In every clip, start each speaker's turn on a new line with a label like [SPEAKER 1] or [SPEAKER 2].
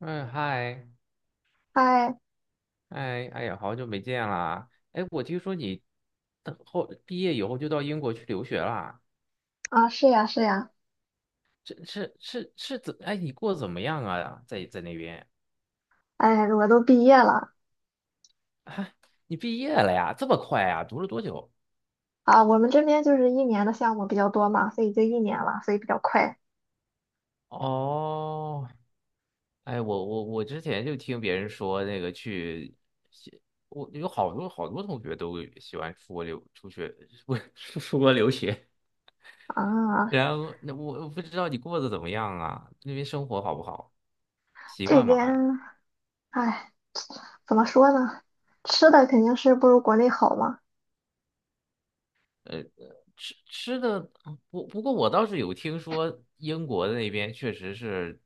[SPEAKER 1] 嗯，嗨，
[SPEAKER 2] 哎，
[SPEAKER 1] 哎，哎呀，好久没见啦！哎，我听说你等后毕业以后就到英国去留学啦？
[SPEAKER 2] 啊，是呀，是呀，
[SPEAKER 1] 这是怎？哎，你过得怎么样啊？在那边，
[SPEAKER 2] 哎，我都毕业了
[SPEAKER 1] 你毕业了呀？这么快啊？读了多久？
[SPEAKER 2] 啊。我们这边就是一年的项目比较多嘛，所以就一年了，所以比较快
[SPEAKER 1] 哦，哎，我之前就听别人说那个去西，我有好多好多同学都喜欢出国留出去，不是出国留学，
[SPEAKER 2] 啊。
[SPEAKER 1] 然后那我不知道你过得怎么样啊，那边生活好不好，习
[SPEAKER 2] 这
[SPEAKER 1] 惯吗
[SPEAKER 2] 边，
[SPEAKER 1] 还？
[SPEAKER 2] 哎，怎么说呢？吃的肯定是不如国内好嘛。
[SPEAKER 1] 呃，吃吃的，不过我倒是有听说英国的那边确实是，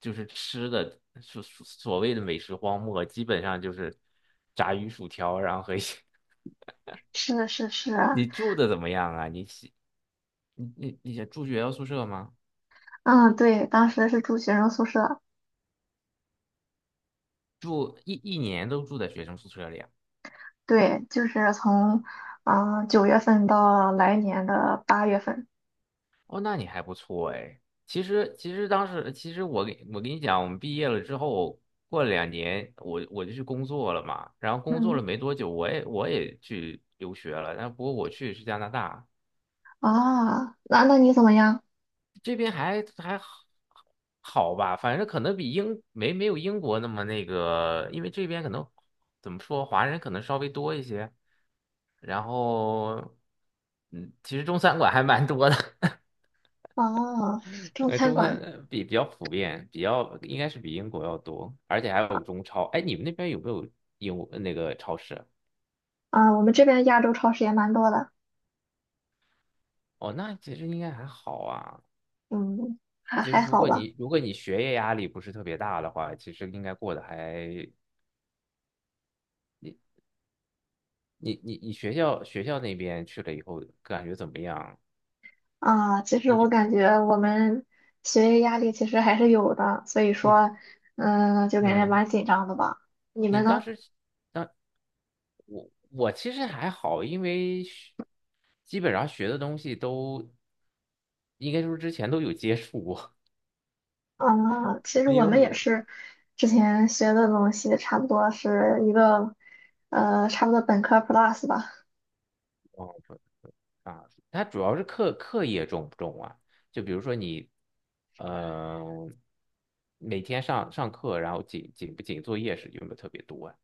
[SPEAKER 1] 就是吃的所谓的美食荒漠，基本上就是炸鱼薯条，然后和一些。
[SPEAKER 2] 是是是。
[SPEAKER 1] 你住的怎么样啊？你喜你想住学校宿舍吗？
[SPEAKER 2] 嗯，对，当时是住学生宿舍，
[SPEAKER 1] 住一年都住在学生宿舍里啊？
[SPEAKER 2] 对，就是从九月份到来年的8月份。
[SPEAKER 1] 哦，那你还不错哎。其实，其实当时，其实我跟你讲，我们毕业了之后，过了两年，我就去工作了嘛。然后工作
[SPEAKER 2] 嗯
[SPEAKER 1] 了没多久，我也去留学了。但不过我去的是加拿大，
[SPEAKER 2] 啊，那你怎么样？
[SPEAKER 1] 这边还好好吧，反正可能比英没有英国那么那个，因为这边可能怎么说，华人可能稍微多一些。然后，嗯，其实中餐馆还蛮多的。
[SPEAKER 2] 哦，中餐
[SPEAKER 1] 中餐
[SPEAKER 2] 馆
[SPEAKER 1] 比较普遍，比较应该是比英国要多，而且还有中超。哎，你们那边有没有英那个超市？
[SPEAKER 2] 啊，我们这边亚洲超市也蛮多的。
[SPEAKER 1] 哦，那其实应该还好啊。
[SPEAKER 2] 嗯，还
[SPEAKER 1] 其实
[SPEAKER 2] 还
[SPEAKER 1] 如
[SPEAKER 2] 好
[SPEAKER 1] 果
[SPEAKER 2] 吧。
[SPEAKER 1] 你如果你学业压力不是特别大的话，其实应该过得还你学校那边去了以后感觉怎么样？
[SPEAKER 2] 啊，其实
[SPEAKER 1] 你
[SPEAKER 2] 我
[SPEAKER 1] 这
[SPEAKER 2] 感觉我们学业压力其实还是有的，所以
[SPEAKER 1] 你
[SPEAKER 2] 说，嗯，就感觉
[SPEAKER 1] 嗯，
[SPEAKER 2] 蛮紧张的吧。你
[SPEAKER 1] 你
[SPEAKER 2] 们
[SPEAKER 1] 当
[SPEAKER 2] 呢？
[SPEAKER 1] 时当我其实还好，因为学基本上学的东西都应该说之前都有接触过，
[SPEAKER 2] 啊，其实
[SPEAKER 1] 因
[SPEAKER 2] 我
[SPEAKER 1] 为
[SPEAKER 2] 们也
[SPEAKER 1] 我。
[SPEAKER 2] 是，之前学的东西差不多是一个，差不多本科 plus 吧。
[SPEAKER 1] 哦，啊，它主要是课业重不重啊？就比如说你，呃，每天上课，然后紧不紧作业是有没有特别多啊？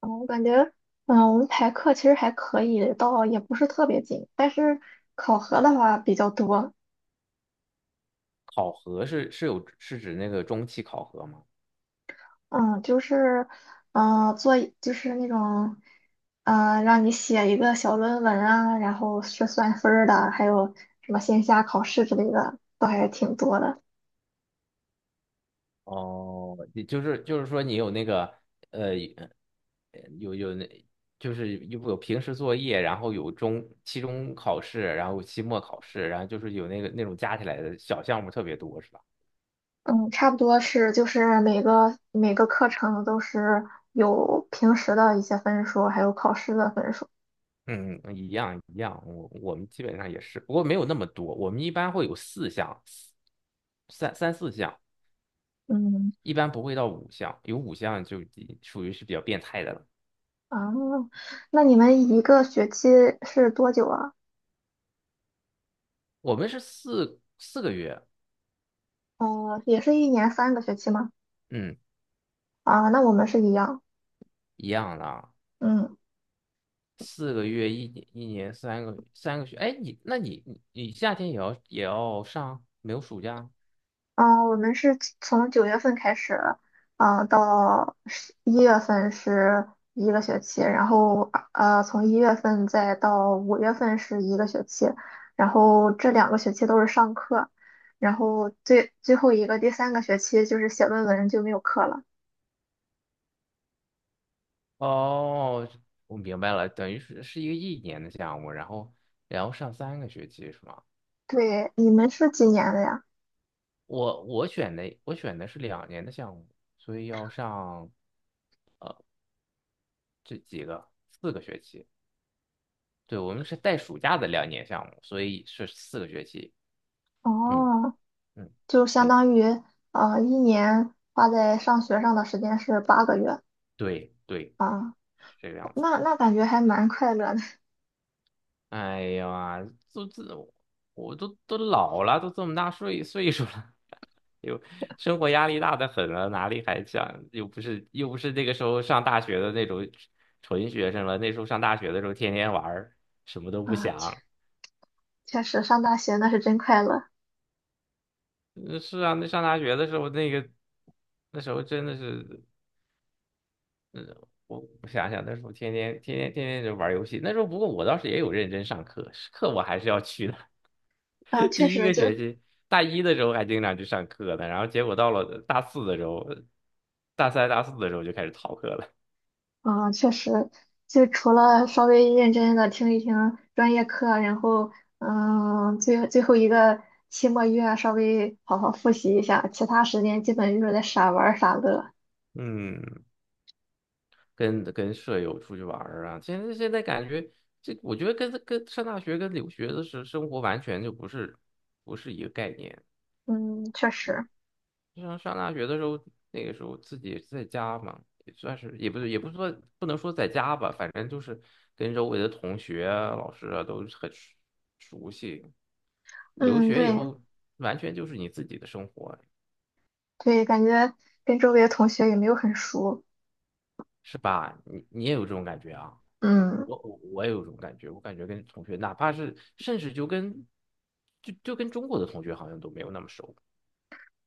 [SPEAKER 2] 嗯，我感觉，嗯，我们排课其实还可以，倒也不是特别紧，但是考核的话比较多。
[SPEAKER 1] 考核是有是指那个中期考核吗？
[SPEAKER 2] 嗯，就是，嗯，就是那种，让你写一个小论文啊，然后是算分儿的，还有什么线下考试之类的，都还挺多的。
[SPEAKER 1] 哦，你就是就是说你有那个呃有有那就是有有平时作业，然后有中期中考试，然后期末考试，然后就是有那个那种加起来的小项目特别多是吧？
[SPEAKER 2] 嗯，差不多是就是每个课程都是有平时的一些分数，还有考试的分数。
[SPEAKER 1] 嗯，一样一样，我们基本上也是，不过没有那么多，我们一般会有四项，三四项，
[SPEAKER 2] 嗯。
[SPEAKER 1] 一般不会到五项，有五项就已属于是比较变态的了。
[SPEAKER 2] 啊，那你们一个学期是多久啊？
[SPEAKER 1] 我们是四个月，
[SPEAKER 2] 也是一年三个学期吗？
[SPEAKER 1] 嗯，
[SPEAKER 2] 啊，那我们是一样。
[SPEAKER 1] 一样的啊，
[SPEAKER 2] 嗯。
[SPEAKER 1] 四个月一年一年三个三个学，哎，你那你夏天也要上，没有暑假？
[SPEAKER 2] 嗯，我们是从九月份开始，啊，到11月份是一个学期，然后从一月份再到5月份是一个学期，然后这2个学期都是上课，然后最后一个第三个学期就是写论文，就没有课了。
[SPEAKER 1] 哦，我明白了，等于是一个一年的项目，然后然后上三个学期是吗？
[SPEAKER 2] 对，你们是几年的呀？
[SPEAKER 1] 我选的是两年的项目，所以要上这几四个学期。对，我们是带暑假的两年项目，所以是四个学期。嗯
[SPEAKER 2] 哦，
[SPEAKER 1] 嗯，
[SPEAKER 2] 就相
[SPEAKER 1] 对
[SPEAKER 2] 当于一年花在上学上的时间是8个月
[SPEAKER 1] 对对，
[SPEAKER 2] 啊，
[SPEAKER 1] 是这个样子。
[SPEAKER 2] 那感觉还蛮快乐的
[SPEAKER 1] 哎呀，都这我都老了，都这么大岁数了，又生活压力大的很了，哪里还想又不是那个时候上大学的那种纯学生了，那时候上大学的时候天天玩儿，什么都不
[SPEAKER 2] 啊。
[SPEAKER 1] 想。
[SPEAKER 2] 确实，上大学那是真快乐
[SPEAKER 1] 嗯，是啊，那上大学的时候，那个那时候真的是，我想想，那时候天天就玩游戏。那时候不过我倒是也有认真上课，是课我还是要去的。
[SPEAKER 2] 啊！确
[SPEAKER 1] 第一
[SPEAKER 2] 实
[SPEAKER 1] 个
[SPEAKER 2] 就，
[SPEAKER 1] 学期，大一的时候还经常去上课呢，然后结果到了大四的时候，大三大四的时候就开始逃课了。
[SPEAKER 2] 啊，确实就除了稍微认真的听一听专业课，然后，嗯，最后一个期末月啊稍微好好复习一下，其他时间基本就是在傻玩儿傻乐。
[SPEAKER 1] 嗯，跟舍友出去玩儿啊，现在感觉这，我觉得跟上大学跟留学的时生活完全就不是不是一个概念。
[SPEAKER 2] 嗯，确实。
[SPEAKER 1] 上大学的时候，那个时候自己在家嘛，也算是也不是说不能说在家吧，反正就是跟周围的同学啊老师啊都是很熟熟悉。留
[SPEAKER 2] 嗯，
[SPEAKER 1] 学以
[SPEAKER 2] 对
[SPEAKER 1] 后，完全就是你自己的生活，
[SPEAKER 2] 对，感觉跟周围的同学也没有很熟。
[SPEAKER 1] 是吧？你也有这种感觉啊？
[SPEAKER 2] 嗯。
[SPEAKER 1] 我也有这种感觉，我感觉跟同学，哪怕是甚至就跟就跟中国的同学好像都没有那么熟，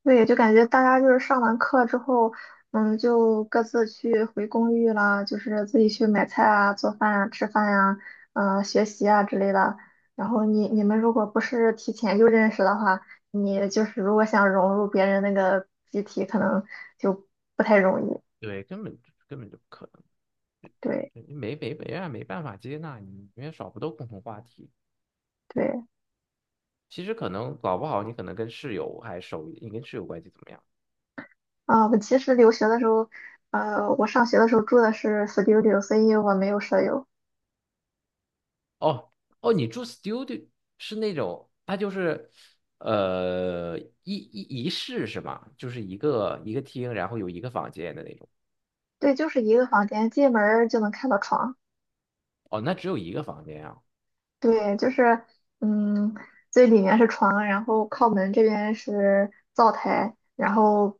[SPEAKER 2] 对，就感觉大家就是上完课之后，嗯，就各自去回公寓啦，就是自己去买菜啊、做饭啊、吃饭呀、嗯，学习啊之类的。然后你们如果不是提前就认识的话，你就是如果想融入别人那个集体，可能就不太容易。
[SPEAKER 1] 对，根本就不可能，
[SPEAKER 2] 对
[SPEAKER 1] 没啊，没办法接纳你，因为少不到共同话题。
[SPEAKER 2] 对。
[SPEAKER 1] 其实可能搞不好你可能跟室友还熟一点，你跟室友关系怎么样？
[SPEAKER 2] 啊，我其实留学的时候，我上学的时候住的是 studio,所以我没有舍友。
[SPEAKER 1] 哦哦，你住 studio 是那种，它就是一室是吗？就是一个一个厅，然后有一个房间的那种。
[SPEAKER 2] 对，就是一个房间，进门儿就能看到床。
[SPEAKER 1] 哦，那只有一个房间啊？
[SPEAKER 2] 对，就是，嗯，最里面是床，然后靠门这边是灶台，然后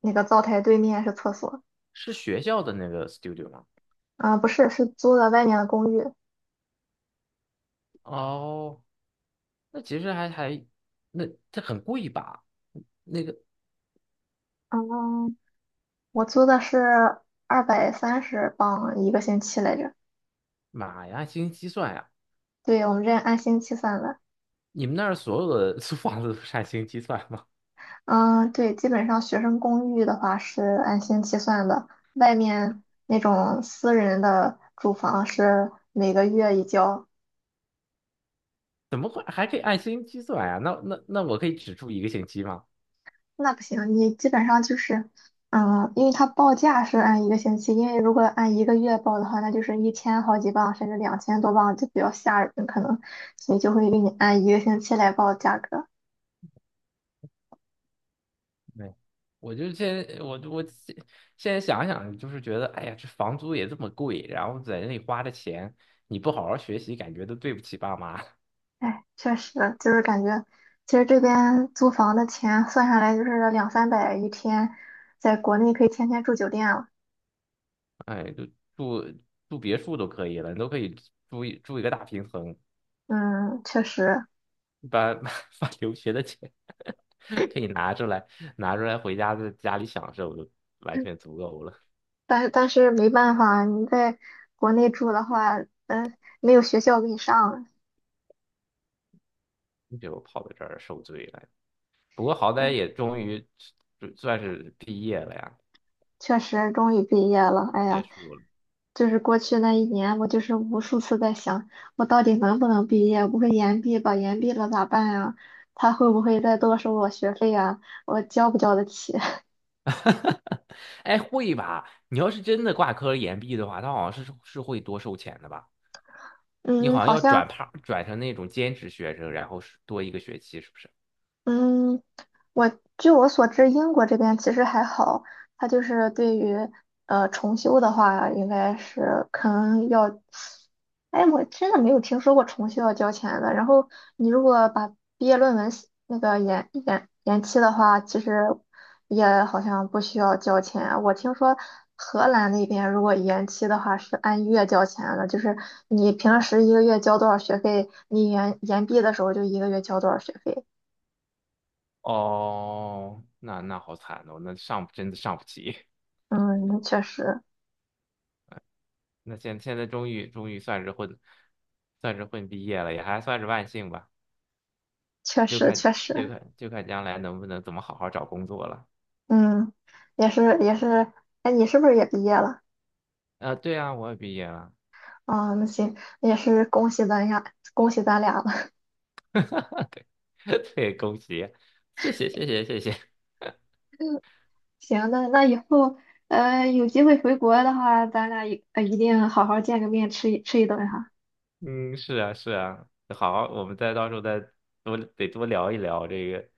[SPEAKER 2] 那个灶台对面是厕所。
[SPEAKER 1] 是学校的那个 studio 吗？
[SPEAKER 2] 啊，不是，是租的外面的公寓。
[SPEAKER 1] 哦，那其实还那这很贵吧？
[SPEAKER 2] 嗯，我租的是230镑一个星期来着。
[SPEAKER 1] 妈呀，按星期算呀、
[SPEAKER 2] 对，我们这按星期算的。
[SPEAKER 1] 你们那儿所有的 租房子都是按星期算吗？
[SPEAKER 2] 嗯，对，基本上学生公寓的话是按星期算的，外面那种私人的住房是每个月一交。
[SPEAKER 1] 怎么会还可以按星期算呀、那那那我可以只住一个星期吗？
[SPEAKER 2] 那不行，你基本上就是，嗯，因为他报价是按一个星期，因为如果按一个月报的话，那就是一千好几磅，甚至两千多磅，就比较吓人，可能，所以就会给你按一个星期来报价格。
[SPEAKER 1] 对，我就现在我现在想想，就是觉得，哎呀，这房租也这么贵，然后在那里花的钱，你不好好学习，感觉都对不起爸妈。
[SPEAKER 2] 哎，确实，就是感觉，其实这边租房的钱算下来就是两三百一天，在国内可以天天住酒店了。
[SPEAKER 1] 哎，就住住别墅都可以了，你都可以住一个大平层，
[SPEAKER 2] 嗯，确实，
[SPEAKER 1] 把 把留学的钱 可以拿出来，拿出来回家在家里享受，就完全足够了。
[SPEAKER 2] 但是没办法，你在国内住的话，嗯，没有学校给你上。
[SPEAKER 1] 你就跑到这儿受罪了，不过好歹
[SPEAKER 2] 哎，
[SPEAKER 1] 也终于就算是毕业了呀，
[SPEAKER 2] 确实，终于毕业了。哎
[SPEAKER 1] 结
[SPEAKER 2] 呀，
[SPEAKER 1] 束了。
[SPEAKER 2] 就是过去那一年，我就是无数次在想，我到底能不能毕业？不会延毕吧？延毕了咋办呀？他会不会再多收我学费呀？我交不交得起？
[SPEAKER 1] 哎，会吧？你要是真的挂科延毕的话，他好像是会多收钱的吧？你
[SPEAKER 2] 嗯，
[SPEAKER 1] 好像
[SPEAKER 2] 好
[SPEAKER 1] 要
[SPEAKER 2] 像，
[SPEAKER 1] 转趴转成那种兼职学生，然后是多一个学期，是不是？
[SPEAKER 2] 嗯，我据我所知，英国这边其实还好，它就是对于重修的话，应该是可能要，哎，我真的没有听说过重修要交钱的。然后你如果把毕业论文写那个延期的话，其实也好像不需要交钱啊。我听说荷兰那边如果延期的话是按月交钱的，就是你平时一个月交多少学费，你延毕的时候就一个月交多少学费。
[SPEAKER 1] 哦，那那好惨哦，那上真的上不起。
[SPEAKER 2] 嗯，那确实，
[SPEAKER 1] 那现在终于算是混，算是混毕业了，也还算是万幸吧。
[SPEAKER 2] 确
[SPEAKER 1] 就
[SPEAKER 2] 实，
[SPEAKER 1] 看
[SPEAKER 2] 确
[SPEAKER 1] 就
[SPEAKER 2] 实。
[SPEAKER 1] 看就看将来能不能怎么好好找工作了。
[SPEAKER 2] 嗯，也是，也是。哎，你是不是也毕业了？
[SPEAKER 1] 啊、对啊，我也毕业了。
[SPEAKER 2] 啊，那行，也是恭喜咱俩，恭喜咱俩了。
[SPEAKER 1] 对，恭喜，谢谢。
[SPEAKER 2] 行，那以后，有机会回国的话，咱俩一定好好见个面，吃一顿哈。
[SPEAKER 1] 嗯，是啊，是啊，好，我们再到时候再多得多聊一聊这个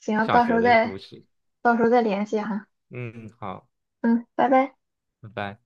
[SPEAKER 2] 行，
[SPEAKER 1] 上学的故事。
[SPEAKER 2] 到时候再联系哈。
[SPEAKER 1] 嗯，好，
[SPEAKER 2] 嗯，拜拜。
[SPEAKER 1] 拜拜。